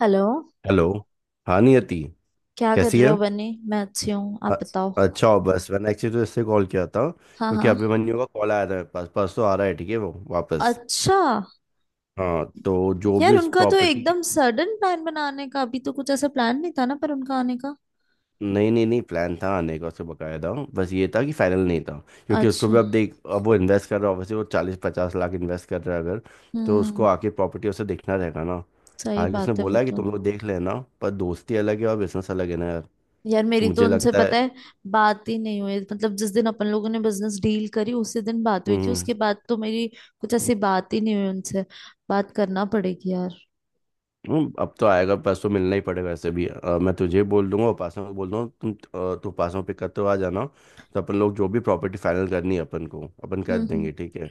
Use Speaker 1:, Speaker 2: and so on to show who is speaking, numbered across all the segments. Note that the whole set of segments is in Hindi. Speaker 1: हेलो।
Speaker 2: हेलो। हाँ नियति,
Speaker 1: क्या कर
Speaker 2: कैसी
Speaker 1: रहे
Speaker 2: है?
Speaker 1: हो बनी? मैं अच्छी हूँ,
Speaker 2: अ-
Speaker 1: आप बताओ।
Speaker 2: अच्छा हो। बस मैंने एक्चुअली तो इससे कॉल किया था
Speaker 1: हाँ
Speaker 2: क्योंकि
Speaker 1: हाँ,
Speaker 2: अभिमन्यु का कॉल आया था मेरे पास, परसों आ रहा है, ठीक है वो वापस।
Speaker 1: अच्छा।
Speaker 2: हाँ तो जो
Speaker 1: यार
Speaker 2: भी उस
Speaker 1: उनका तो
Speaker 2: प्रॉपर्टी की,
Speaker 1: एकदम सडन प्लान बनाने का, अभी तो कुछ ऐसा प्लान नहीं था ना पर, उनका आने का।
Speaker 2: नहीं नहीं नहीं प्लान था आने का उसका बकायदा, बस ये था कि फाइनल नहीं था क्योंकि उसको
Speaker 1: अच्छा।
Speaker 2: भी अब देख, अब वो इन्वेस्ट कर रहा है, वैसे वो चालीस पचास लाख इन्वेस्ट कर रहा है अगर। तो उसको
Speaker 1: हम्म।
Speaker 2: आके प्रॉपर्टी उसे देखना रहेगा ना।
Speaker 1: सही
Speaker 2: हालांकि उसने
Speaker 1: बात है वो
Speaker 2: बोला है कि
Speaker 1: तो।
Speaker 2: तुम लोग देख लेना, पर दोस्ती अलग है और बिजनेस अलग है ना यार,
Speaker 1: यार
Speaker 2: तो
Speaker 1: मेरी तो
Speaker 2: मुझे
Speaker 1: उनसे
Speaker 2: लगता है।
Speaker 1: पता है, बात ही नहीं हुई, मतलब जिस दिन अपन लोगों ने बिजनेस डील करी उसी दिन बात हुई थी,
Speaker 2: हम्म
Speaker 1: उसके बाद तो मेरी कुछ ऐसी बात ही नहीं हुई उनसे। बात करना पड़ेगी यार।
Speaker 2: अब तो आएगा परसों, मिलना ही पड़ेगा। वैसे भी मैं तुझे बोल दूंगा, उपासना को बोल दूंगा, तुम तू उपासना को पिक करते हुए आ जाना। तो अपन लोग जो भी प्रॉपर्टी फाइनल करनी है अपन को, अपन कर
Speaker 1: हम्म हम्म।
Speaker 2: देंगे, ठीक है।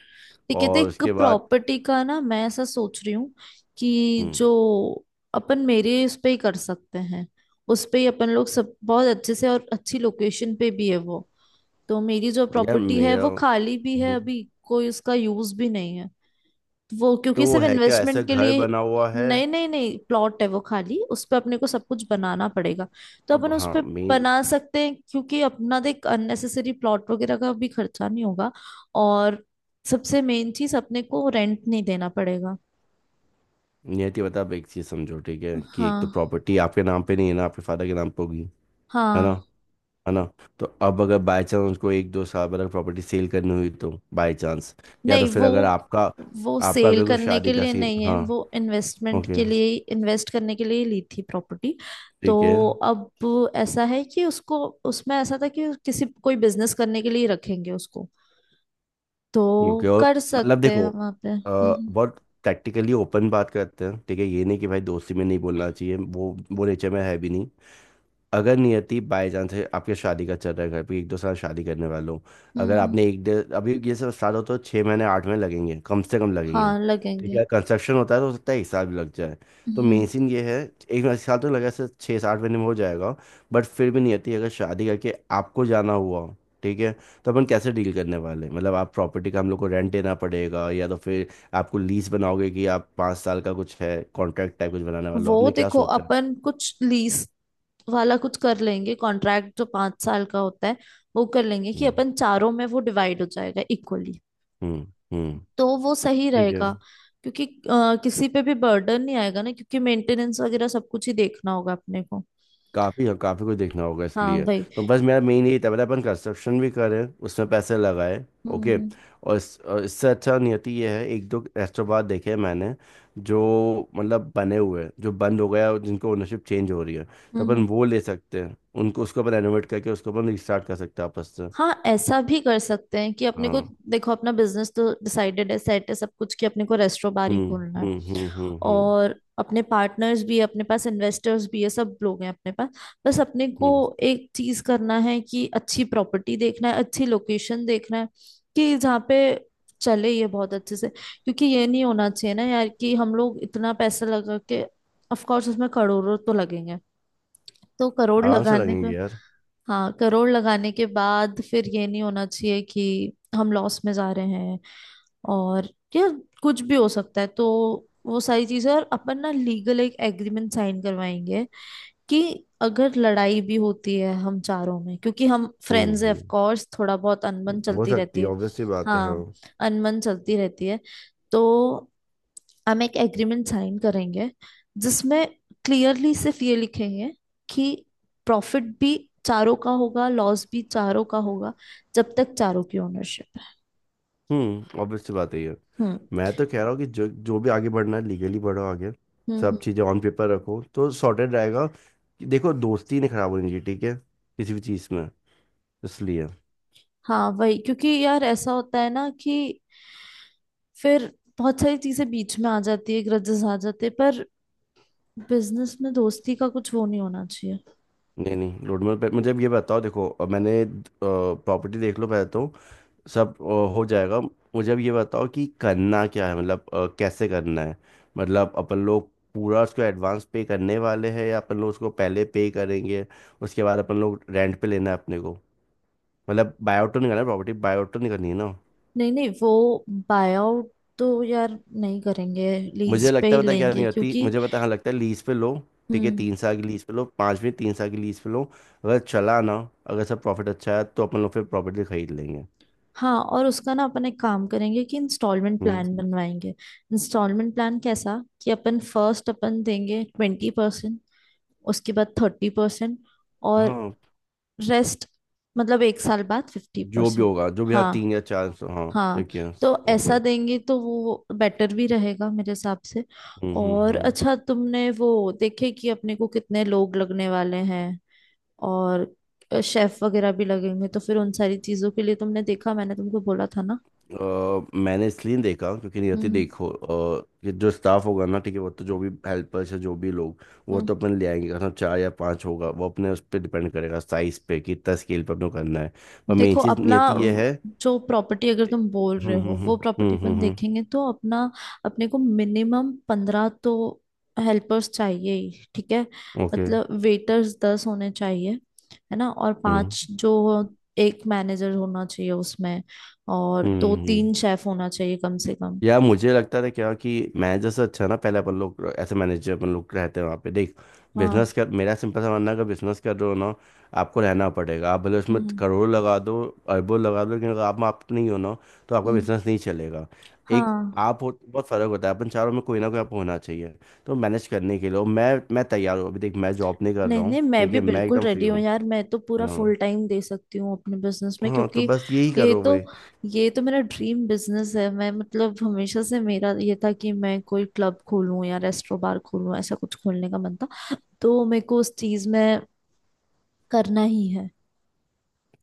Speaker 1: ये कहते हैं,
Speaker 2: और
Speaker 1: एक
Speaker 2: उसके बाद।
Speaker 1: प्रॉपर्टी का ना मैं ऐसा सोच रही हूँ कि
Speaker 2: हम्म।
Speaker 1: जो अपन मेरे उस पे ही कर सकते हैं। उस पे ही अपन लोग सब बहुत अच्छे से, और अच्छी लोकेशन पे भी है वो। तो मेरी जो
Speaker 2: यार
Speaker 1: प्रॉपर्टी है
Speaker 2: मेरा।
Speaker 1: वो खाली भी है
Speaker 2: हम्म,
Speaker 1: अभी, कोई उसका यूज भी नहीं है वो, क्योंकि
Speaker 2: तो वो
Speaker 1: सिर्फ
Speaker 2: है क्या, ऐसा
Speaker 1: इन्वेस्टमेंट के
Speaker 2: घर
Speaker 1: लिए।
Speaker 2: बना हुआ है?
Speaker 1: नहीं नहीं नहीं, प्लॉट है वो खाली, उस पे अपने को सब कुछ बनाना पड़ेगा, तो
Speaker 2: अब
Speaker 1: अपन उस
Speaker 2: हाँ
Speaker 1: पे
Speaker 2: मेन।
Speaker 1: बना सकते हैं, क्योंकि अपना देख अननेसेसरी प्लॉट वगैरह का भी खर्चा नहीं होगा। और सबसे मेन चीज, अपने को रेंट नहीं देना पड़ेगा।
Speaker 2: नियति बता अब एक चीज समझो, ठीक है, कि एक तो
Speaker 1: हाँ।
Speaker 2: प्रॉपर्टी आपके नाम पे नहीं है ना, आपके फादर के नाम पे होगी, है ना,
Speaker 1: हाँ।
Speaker 2: है ना? तो अब अगर बाय चांस उसको एक दो साल बाद अगर प्रॉपर्टी सेल करनी हुई तो बाय चांस, या तो
Speaker 1: नहीं
Speaker 2: फिर अगर आपका,
Speaker 1: वो
Speaker 2: आपका
Speaker 1: सेल
Speaker 2: अगर कोई
Speaker 1: करने
Speaker 2: शादी
Speaker 1: के
Speaker 2: का
Speaker 1: लिए
Speaker 2: सीन,
Speaker 1: नहीं है,
Speaker 2: हाँ।
Speaker 1: वो इन्वेस्टमेंट
Speaker 2: ओके।
Speaker 1: के लिए। इन्वेस्ट करने के लिए ही ली थी प्रॉपर्टी। तो
Speaker 2: ठीक है।
Speaker 1: अब ऐसा है कि उसको, उसमें ऐसा था कि किसी कोई बिजनेस करने के लिए रखेंगे उसको,
Speaker 2: ओके
Speaker 1: तो
Speaker 2: और
Speaker 1: कर
Speaker 2: मतलब
Speaker 1: सकते हैं
Speaker 2: देखो,
Speaker 1: वहां पे। हम्म।
Speaker 2: बहुत टैक्टिकली ओपन बात करते हैं ठीक है, ये नहीं कि भाई दोस्ती में नहीं बोलना चाहिए, वो नेचर में है भी नहीं। अगर नियति बाय चांस आपके शादी का चल रहा है घर पे, एक दो साल शादी करने वाले हो,
Speaker 1: हम्म,
Speaker 2: अगर
Speaker 1: हम्म।
Speaker 2: आपने एक डेढ़ अभी ये सब स्टार्ट हो तो छः महीने आठ महीने लगेंगे, कम से कम लगेंगे,
Speaker 1: हाँ
Speaker 2: ठीक
Speaker 1: लगेंगे।
Speaker 2: है। कंस्ट्रक्शन होता है तो हो सकता है एक साल भी लग जाए। तो
Speaker 1: हम्म
Speaker 2: मेन
Speaker 1: हम्म।
Speaker 2: सीन ये है, एक एक साल तो लगा, से छः सात महीने में हो जाएगा। बट फिर भी नियति अगर शादी करके आपको जाना हुआ, ठीक है, तो अपन कैसे डील करने वाले हैं? मतलब आप प्रॉपर्टी का हम लोग को रेंट देना पड़ेगा, या तो फिर आपको लीज बनाओगे, कि आप पाँच साल का कुछ है कॉन्ट्रैक्ट टाइप कुछ बनाने वाले
Speaker 1: वो
Speaker 2: हो, आपने क्या
Speaker 1: देखो,
Speaker 2: सोचा है?
Speaker 1: अपन कुछ लीज वाला कुछ कर लेंगे, कॉन्ट्रैक्ट जो 5 साल का होता है वो कर लेंगे, कि
Speaker 2: हम्म
Speaker 1: अपन चारों में वो डिवाइड हो जाएगा इक्वली।
Speaker 2: हम्म हम्म।
Speaker 1: तो वो सही
Speaker 2: ठीक है।
Speaker 1: रहेगा, क्योंकि किसी पे भी बर्डन नहीं आएगा ना, क्योंकि मेंटेनेंस वगैरह सब कुछ ही देखना होगा अपने को।
Speaker 2: काफी है, काफी कुछ देखना होगा
Speaker 1: हाँ
Speaker 2: इसलिए।
Speaker 1: वही।
Speaker 2: तो बस मेरा मेन यही था, मतलब अपन कंस्ट्रक्शन भी करें, उसमें पैसे लगाए। ओके,
Speaker 1: हम्म।
Speaker 2: और, और इससे अच्छा नियति ये है, एक दो रेस्टोरेंट देखे हैं मैंने, जो मतलब बने हुए हैं, जो बंद हो गया और जिनको ओनरशिप चेंज हो रही है। तो
Speaker 1: हम्म हम्म।
Speaker 2: अपन वो ले सकते हैं, उनको उसको अपन रेनोवेट करके उसको अपन रिस्टार्ट कर सकते हैं आपस से।
Speaker 1: हाँ ऐसा भी कर सकते हैं कि अपने को,
Speaker 2: हाँ।
Speaker 1: देखो अपना बिजनेस तो डिसाइडेड है, सेट है सब कुछ, कि अपने को रेस्टोरेंट बार ही
Speaker 2: हम्म
Speaker 1: खोलना है।
Speaker 2: हम्म हम्म हम्म हम्म
Speaker 1: और अपने पार्टनर्स भी है, अपने पास इन्वेस्टर्स भी है, सब लोग हैं अपने पास। बस अपने को
Speaker 2: हम्म।
Speaker 1: एक चीज करना है कि अच्छी प्रॉपर्टी देखना है, अच्छी लोकेशन देखना है, कि जहाँ पे चले ये बहुत अच्छे से। क्योंकि ये नहीं होना चाहिए ना यार, कि हम लोग इतना पैसा लगा के, ऑफ कोर्स उसमें करोड़ों तो लगेंगे, तो करोड़
Speaker 2: आराम से
Speaker 1: लगाने का,
Speaker 2: लगेंगे यार।
Speaker 1: हाँ करोड़ लगाने के बाद फिर ये नहीं होना चाहिए कि हम लॉस में जा रहे हैं। और यार, कुछ भी हो सकता है। तो वो सारी चीजें, और अपन ना लीगल एक एग्रीमेंट साइन करवाएंगे, कि अगर लड़ाई भी होती है हम चारों में, क्योंकि हम फ्रेंड्स हैं, ऑफ
Speaker 2: हम्म।
Speaker 1: कोर्स थोड़ा बहुत अनबन
Speaker 2: हो
Speaker 1: चलती
Speaker 2: सकती
Speaker 1: रहती
Speaker 2: है,
Speaker 1: है।
Speaker 2: ऑब्वियस सी बात है हाँ।
Speaker 1: हाँ, अनबन चलती रहती है। तो हम एक एग्रीमेंट साइन करेंगे, जिसमें क्लियरली सिर्फ ये लिखेंगे कि प्रॉफिट भी चारों का होगा, लॉस भी चारों का होगा, जब तक चारों की ओनरशिप है।
Speaker 2: हम्म। ऑब्वियस सी बात है ये।
Speaker 1: हम्म।
Speaker 2: मैं तो कह रहा हूँ कि जो जो भी आगे बढ़ना है लीगली बढ़ो आगे।
Speaker 1: हम्म
Speaker 2: सब
Speaker 1: हम्म।
Speaker 2: चीज़ें ऑन पेपर रखो तो सॉर्टेड रहेगा, कि देखो दोस्ती नहीं खराब होनी चाहिए, ठीक है, किसी भी चीज़ में, इसलिए।
Speaker 1: हाँ वही, क्योंकि यार ऐसा होता है ना, कि फिर बहुत सारी चीजें बीच में आ जाती है, ग्रजेस आ जाते हैं, पर बिजनेस में दोस्ती का कुछ वो नहीं होना चाहिए।
Speaker 2: नहीं नहीं रोडमेप पे मुझे अब ये बताओ। देखो मैंने प्रॉपर्टी देख लो पहले, तो सब हो जाएगा। मुझे अब ये बताओ कि करना क्या है, मतलब कैसे करना है। मतलब अपन लोग पूरा उसको एडवांस पे करने वाले हैं, या अपन लोग उसको पहले पे करेंगे, उसके बाद अपन लोग रेंट पे लेना है अपने को? मतलब बायोट तो नहीं करना, प्रॉपर्टी बायोट तो नहीं करनी है ना?
Speaker 1: नहीं नहीं वो, बाय आउट तो यार नहीं करेंगे, लीज
Speaker 2: मुझे
Speaker 1: पे
Speaker 2: लगता
Speaker 1: ही
Speaker 2: है पता है क्या,
Speaker 1: लेंगे,
Speaker 2: नहीं होती
Speaker 1: क्योंकि,
Speaker 2: मुझे पता, हाँ लगता है लीज पे लो, ठीक है।
Speaker 1: हम्म।
Speaker 2: तीन साल की लीज पे लो, पाँच में तीन साल की लीज पे लो। अगर चला ना, अगर सब प्रॉफिट अच्छा है तो अपन लोग फिर प्रॉपर्टी खरीद लेंगे।
Speaker 1: हाँ और उसका ना अपन एक काम करेंगे कि इंस्टॉलमेंट
Speaker 2: हम्म।
Speaker 1: प्लान बनवाएंगे। इंस्टॉलमेंट प्लान कैसा, कि अपन फर्स्ट अपन देंगे 20%, उसके बाद 30%, और
Speaker 2: हाँ
Speaker 1: रेस्ट, मतलब 1 साल बाद फिफ्टी
Speaker 2: जो भी
Speaker 1: परसेंट
Speaker 2: होगा जो भी, हाँ
Speaker 1: हाँ।
Speaker 2: तीन या चार सौ, हाँ
Speaker 1: हाँ,
Speaker 2: ठीक है।
Speaker 1: तो ऐसा
Speaker 2: ओके।
Speaker 1: देंगे तो वो बेटर भी रहेगा मेरे हिसाब से। और
Speaker 2: हम्म।
Speaker 1: अच्छा तुमने वो देखे कि अपने को कितने लोग लगने वाले हैं, और शेफ वगैरह भी लगेंगे, तो फिर उन सारी चीजों के लिए तुमने देखा? मैंने तुमको बोला था ना।
Speaker 2: मैंने इसलिए नहीं देखा क्योंकि नियति
Speaker 1: हम्म
Speaker 2: देखो, ये जो स्टाफ होगा ना, ठीक है, वो तो जो भी हेल्पर्स है जो भी लोग, वो
Speaker 1: हम्म।
Speaker 2: तो अपन ले आएंगे। अगर चार या पाँच होगा वो अपने उस पर डिपेंड करेगा साइज पे, कि कितना स्केल पे अपने को करना है। पर मेन
Speaker 1: देखो
Speaker 2: चीज़
Speaker 1: अपना
Speaker 2: नियति ये है।
Speaker 1: जो प्रॉपर्टी अगर तुम बोल रहे हो, वो प्रॉपर्टी अपन
Speaker 2: हम्म।
Speaker 1: देखेंगे तो अपना, अपने को मिनिमम 15 तो हेल्पर्स चाहिए ही, ठीक है।
Speaker 2: ओके।
Speaker 1: मतलब वेटर्स 10 होने चाहिए, है ना, और
Speaker 2: हम्म
Speaker 1: पांच जो, एक मैनेजर होना चाहिए उसमें, और दो
Speaker 2: हम्म।
Speaker 1: तीन शेफ होना चाहिए कम से कम।
Speaker 2: यार मुझे लगता था क्या, कि मैनेजर से अच्छा ना, पहले अपन लोग ऐसे मैनेजर, अपन लोग रहते हैं वहाँ पे देख,
Speaker 1: हाँ।
Speaker 2: बिजनेस कर। मेरा सिंपल सा मानना है, अगर बिजनेस कर रहे हो ना, आपको रहना पड़ेगा। आप भले उसमें
Speaker 1: हम्म
Speaker 2: करोड़ लगा दो, अरबों लगा दो, लेकिन अगर आप नहीं हो ना, तो आपका
Speaker 1: हम्म,
Speaker 2: बिजनेस नहीं चलेगा। एक,
Speaker 1: हाँ।
Speaker 2: आप हो तो बहुत फर्क होता है। अपन चारों में कोई ना कोई आप होना चाहिए, तो मैनेज करने के लिए। और मैं तैयार हूँ, अभी देख मैं जॉब नहीं कर
Speaker 1: नहीं
Speaker 2: रहा हूँ,
Speaker 1: नहीं, मैं
Speaker 2: ठीक
Speaker 1: भी
Speaker 2: है, मैं
Speaker 1: बिल्कुल
Speaker 2: एकदम फ्री
Speaker 1: रेडी हूँ
Speaker 2: हूँ।
Speaker 1: यार, मैं तो पूरा
Speaker 2: हाँ।
Speaker 1: फुल टाइम दे सकती हूँ अपने बिजनेस में,
Speaker 2: हाँ, तो
Speaker 1: क्योंकि
Speaker 2: बस यही
Speaker 1: ये
Speaker 2: करो
Speaker 1: तो,
Speaker 2: भाई।
Speaker 1: ये तो मेरा ड्रीम बिजनेस है। मैं मतलब हमेशा से मेरा ये था कि मैं कोई क्लब खोलूँ या रेस्टो बार खोलूँ, ऐसा कुछ खोलने का मन था, तो मेरे को उस चीज में करना ही है।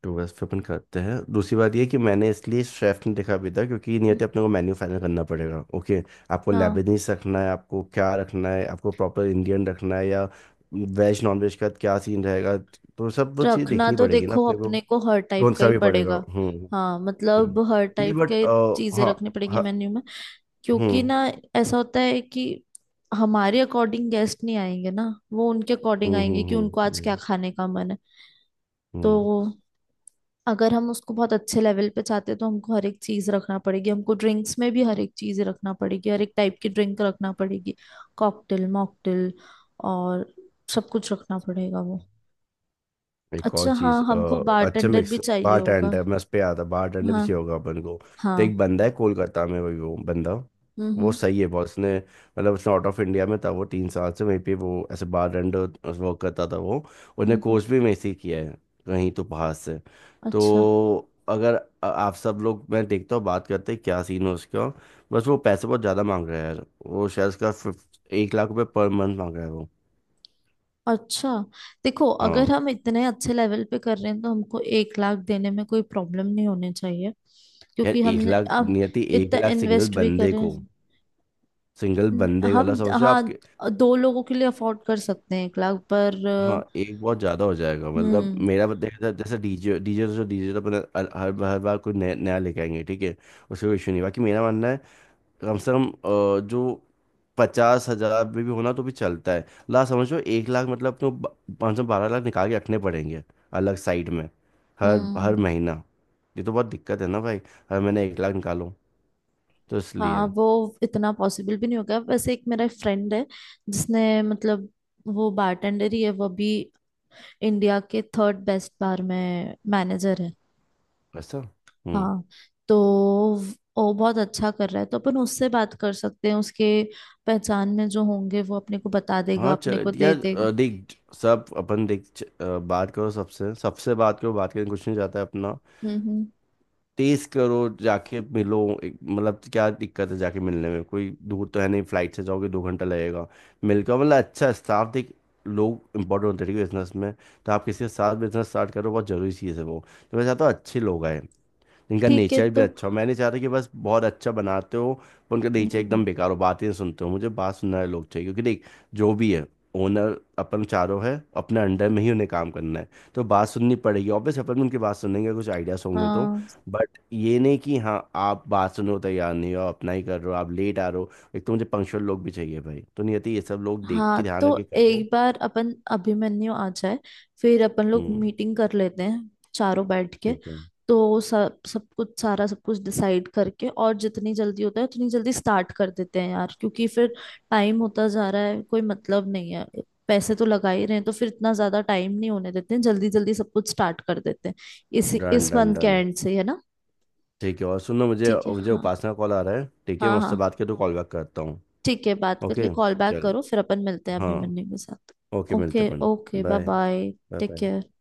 Speaker 2: टू वेस्ट पे अपन करते हैं। दूसरी बात ये कि मैंने इसलिए शेफ नहीं देखा अभी तक, क्योंकि नियति अपने को
Speaker 1: हम्म।
Speaker 2: मेन्यू फाइनल करना पड़ेगा, ओके। आपको
Speaker 1: हाँ,
Speaker 2: लेबनीज रखना है, आपको क्या रखना है, आपको प्रॉपर इंडियन रखना है, या वेज नॉन वेज का क्या सीन रहेगा, तो सब वो चीज़
Speaker 1: रखना
Speaker 2: देखनी
Speaker 1: तो
Speaker 2: पड़ेगी ना
Speaker 1: देखो
Speaker 2: अपने को।
Speaker 1: अपने को हर टाइप
Speaker 2: कौन
Speaker 1: का
Speaker 2: सा
Speaker 1: ही
Speaker 2: भी पड़ेगा।
Speaker 1: पड़ेगा। हाँ, मतलब
Speaker 2: हम्म।
Speaker 1: हर
Speaker 2: नहीं
Speaker 1: टाइप
Speaker 2: बट,
Speaker 1: के चीजें
Speaker 2: हाँ
Speaker 1: रखनी पड़ेगी
Speaker 2: हाँ।
Speaker 1: मेन्यू में, क्योंकि
Speaker 2: हम्म
Speaker 1: ना ऐसा होता है कि हमारे अकॉर्डिंग गेस्ट नहीं आएंगे ना, वो उनके अकॉर्डिंग
Speaker 2: हम्म
Speaker 1: आएंगे,
Speaker 2: हम्म
Speaker 1: कि उनको
Speaker 2: हम्म
Speaker 1: आज क्या
Speaker 2: हम्म
Speaker 1: खाने का मन है। तो
Speaker 2: हम्म।
Speaker 1: अगर हम उसको बहुत अच्छे लेवल पे चाहते हैं, तो हमको हर एक चीज रखना पड़ेगी, हमको ड्रिंक्स में भी हर एक चीज रखना पड़ेगी, हर एक टाइप की ड्रिंक रखना पड़ेगी, कॉकटेल, मॉकटेल, और सब कुछ रखना पड़ेगा वो।
Speaker 2: एक और
Speaker 1: अच्छा, हाँ
Speaker 2: चीज,
Speaker 1: हमको
Speaker 2: अच्छा
Speaker 1: बारटेंडर भी
Speaker 2: मिक्स
Speaker 1: चाहिए
Speaker 2: बार
Speaker 1: होगा।
Speaker 2: टेंडर, मैं उस पे आता, बार टेंडर भी
Speaker 1: हाँ
Speaker 2: चाहिए होगा अपन को। तो
Speaker 1: हाँ।
Speaker 2: एक बंदा है कोलकाता में, वही वो बंदा
Speaker 1: हम्म
Speaker 2: वो
Speaker 1: हम्म
Speaker 2: सही है बहुत, उसने मतलब उसने आउट ऑफ इंडिया में था वो तीन साल से, वहीं पे वो ऐसे बार टेंडर वर्क करता था वो,
Speaker 1: हम्म
Speaker 2: उसने
Speaker 1: हम्म,
Speaker 2: कोर्स भी वहीं से ही किया है, कहीं तो बाहर से।
Speaker 1: अच्छा।
Speaker 2: तो अगर आप सब लोग, मैं देखता हूँ बात करते हैं क्या सीन है उसका। बस वो पैसे बहुत ज़्यादा मांग रहा है यार, वो शायद उसका 50, एक लाख रुपये पर मंथ मांग रहा है वो।
Speaker 1: अच्छा देखो, अगर
Speaker 2: हाँ।
Speaker 1: हम इतने अच्छे लेवल पे कर रहे हैं, तो हमको 1 लाख देने में कोई प्रॉब्लम नहीं होनी चाहिए,
Speaker 2: यार
Speaker 1: क्योंकि
Speaker 2: एक
Speaker 1: हमने
Speaker 2: लाख
Speaker 1: अब
Speaker 2: नियति, एक
Speaker 1: इतना
Speaker 2: लाख सिंगल
Speaker 1: इन्वेस्ट भी
Speaker 2: बंदे
Speaker 1: करें।
Speaker 2: को, सिंगल बंदे का मतलब
Speaker 1: हम
Speaker 2: समझो
Speaker 1: हाँ,
Speaker 2: आपके,
Speaker 1: दो लोगों के लिए अफोर्ड कर सकते हैं 1 लाख पर।
Speaker 2: हाँ एक बहुत ज्यादा हो जाएगा। मतलब
Speaker 1: हम्म
Speaker 2: मेरा जैसे जैसे डीजे डीजे जो डीजे तो अपना हर हर हर बार कोई नया नया लेके आएंगे, ठीक है। उससे कोई इशू नहीं, बाकी मेरा मानना है कम से कम जो पचास हजार में भी होना तो भी चलता है। ला समझो एक लाख मतलब, तो पाँच सौ बारह लाख निकाल के रखने पड़ेंगे अलग साइड में, हर हर
Speaker 1: हम्म।
Speaker 2: महीना। ये तो बहुत दिक्कत है ना भाई, हर महीने एक लाख निकालो, तो इसलिए।
Speaker 1: हाँ वो इतना पॉसिबल भी नहीं होगा। वैसे एक मेरा फ्रेंड है, जिसने मतलब, वो बारटेंडर ही है वो भी, इंडिया के थर्ड बेस्ट बार में मैनेजर है।
Speaker 2: ऐसा। हम्म।
Speaker 1: हाँ, तो वो बहुत अच्छा कर रहा है, तो अपन उससे बात कर सकते हैं। उसके पहचान में जो होंगे वो अपने को बता देगा,
Speaker 2: हाँ
Speaker 1: अपने
Speaker 2: चलो
Speaker 1: को दे
Speaker 2: यार,
Speaker 1: देगा।
Speaker 2: देख सब अपन देख, बात करो सबसे सबसे बात करो, बात करने कुछ नहीं जाता है अपना।
Speaker 1: हम्म।
Speaker 2: तेज करो जाके मिलो। मतलब क्या दिक्कत है जाके मिलने में, कोई दूर तो है नहीं, फ्लाइट से जाओगे दो घंटा लगेगा। मिलकर मतलब अच्छा स्टाफ देख, लोग इंपॉर्टेंट होते हैं बिजनेस में। तो आप किसी के साथ बिजनेस स्टार्ट करो, बहुत जरूरी चीज़ है वो। तो मैं चाहता हूँ अच्छे लोग आए, इनका
Speaker 1: ठीक है
Speaker 2: नेचर भी
Speaker 1: तो,
Speaker 2: अच्छा हो। मैं नहीं चाहता कि बस बहुत अच्छा बनाते हो पर उनका नेचर
Speaker 1: हम्म,
Speaker 2: एकदम बेकार हो, बातें नहीं सुनते हो। मुझे बात सुनने वाले लोग चाहिए, क्योंकि देख, जो भी है ओनर अपन चारों है, अपने अंडर में ही उन्हें काम करना है, तो बात सुननी पड़ेगी ऑब्वियस। अपन भी उनकी बात सुनेंगे कुछ आइडियाज होंगे तो,
Speaker 1: हाँ
Speaker 2: बट ये नहीं कि हाँ आप बात सुनने को तैयार नहीं हो, अपना ही कर रहे हो, आप लेट आ रहे हो। एक तो मुझे पंक्चुअल लोग भी चाहिए भाई, तो नहीं आती ये, सब लोग देख के
Speaker 1: हाँ,
Speaker 2: ध्यान
Speaker 1: तो
Speaker 2: रख के करो।
Speaker 1: एक बार अपन अभिमन्यु आ जाए, फिर अपन लोग
Speaker 2: हम्म।
Speaker 1: मीटिंग कर लेते हैं चारों बैठ के।
Speaker 2: ठीक है।
Speaker 1: तो सब, सब कुछ सारा सब कुछ डिसाइड करके, और जितनी जल्दी होता है उतनी जल्दी स्टार्ट कर देते हैं यार, क्योंकि फिर टाइम होता जा रहा है, कोई मतलब नहीं है। पैसे तो लगा ही रहे हैं, तो फिर इतना ज्यादा टाइम नहीं होने देते हैं, जल्दी जल्दी सब कुछ स्टार्ट कर देते हैं, इसी
Speaker 2: डन
Speaker 1: इस
Speaker 2: डन
Speaker 1: मंथ के
Speaker 2: डन।
Speaker 1: एंड से ही, है ना।
Speaker 2: ठीक है और सुनो, मुझे
Speaker 1: ठीक है।
Speaker 2: मुझे
Speaker 1: हाँ
Speaker 2: उपासना कॉल आ रहा है, ठीक है,
Speaker 1: हाँ।
Speaker 2: मैं उससे
Speaker 1: हाँ
Speaker 2: बात करके तो कॉल बैक करता हूँ।
Speaker 1: ठीक है, बात करके
Speaker 2: ओके।
Speaker 1: कॉल बैक
Speaker 2: चल।
Speaker 1: करो, फिर अपन मिलते हैं
Speaker 2: हाँ।
Speaker 1: अभिमन्यु के साथ।
Speaker 2: ओके मिलते
Speaker 1: ओके
Speaker 2: हैं अपन।
Speaker 1: Okay, bye
Speaker 2: bye
Speaker 1: bye.
Speaker 2: Bye.
Speaker 1: Take
Speaker 2: bye.
Speaker 1: Care.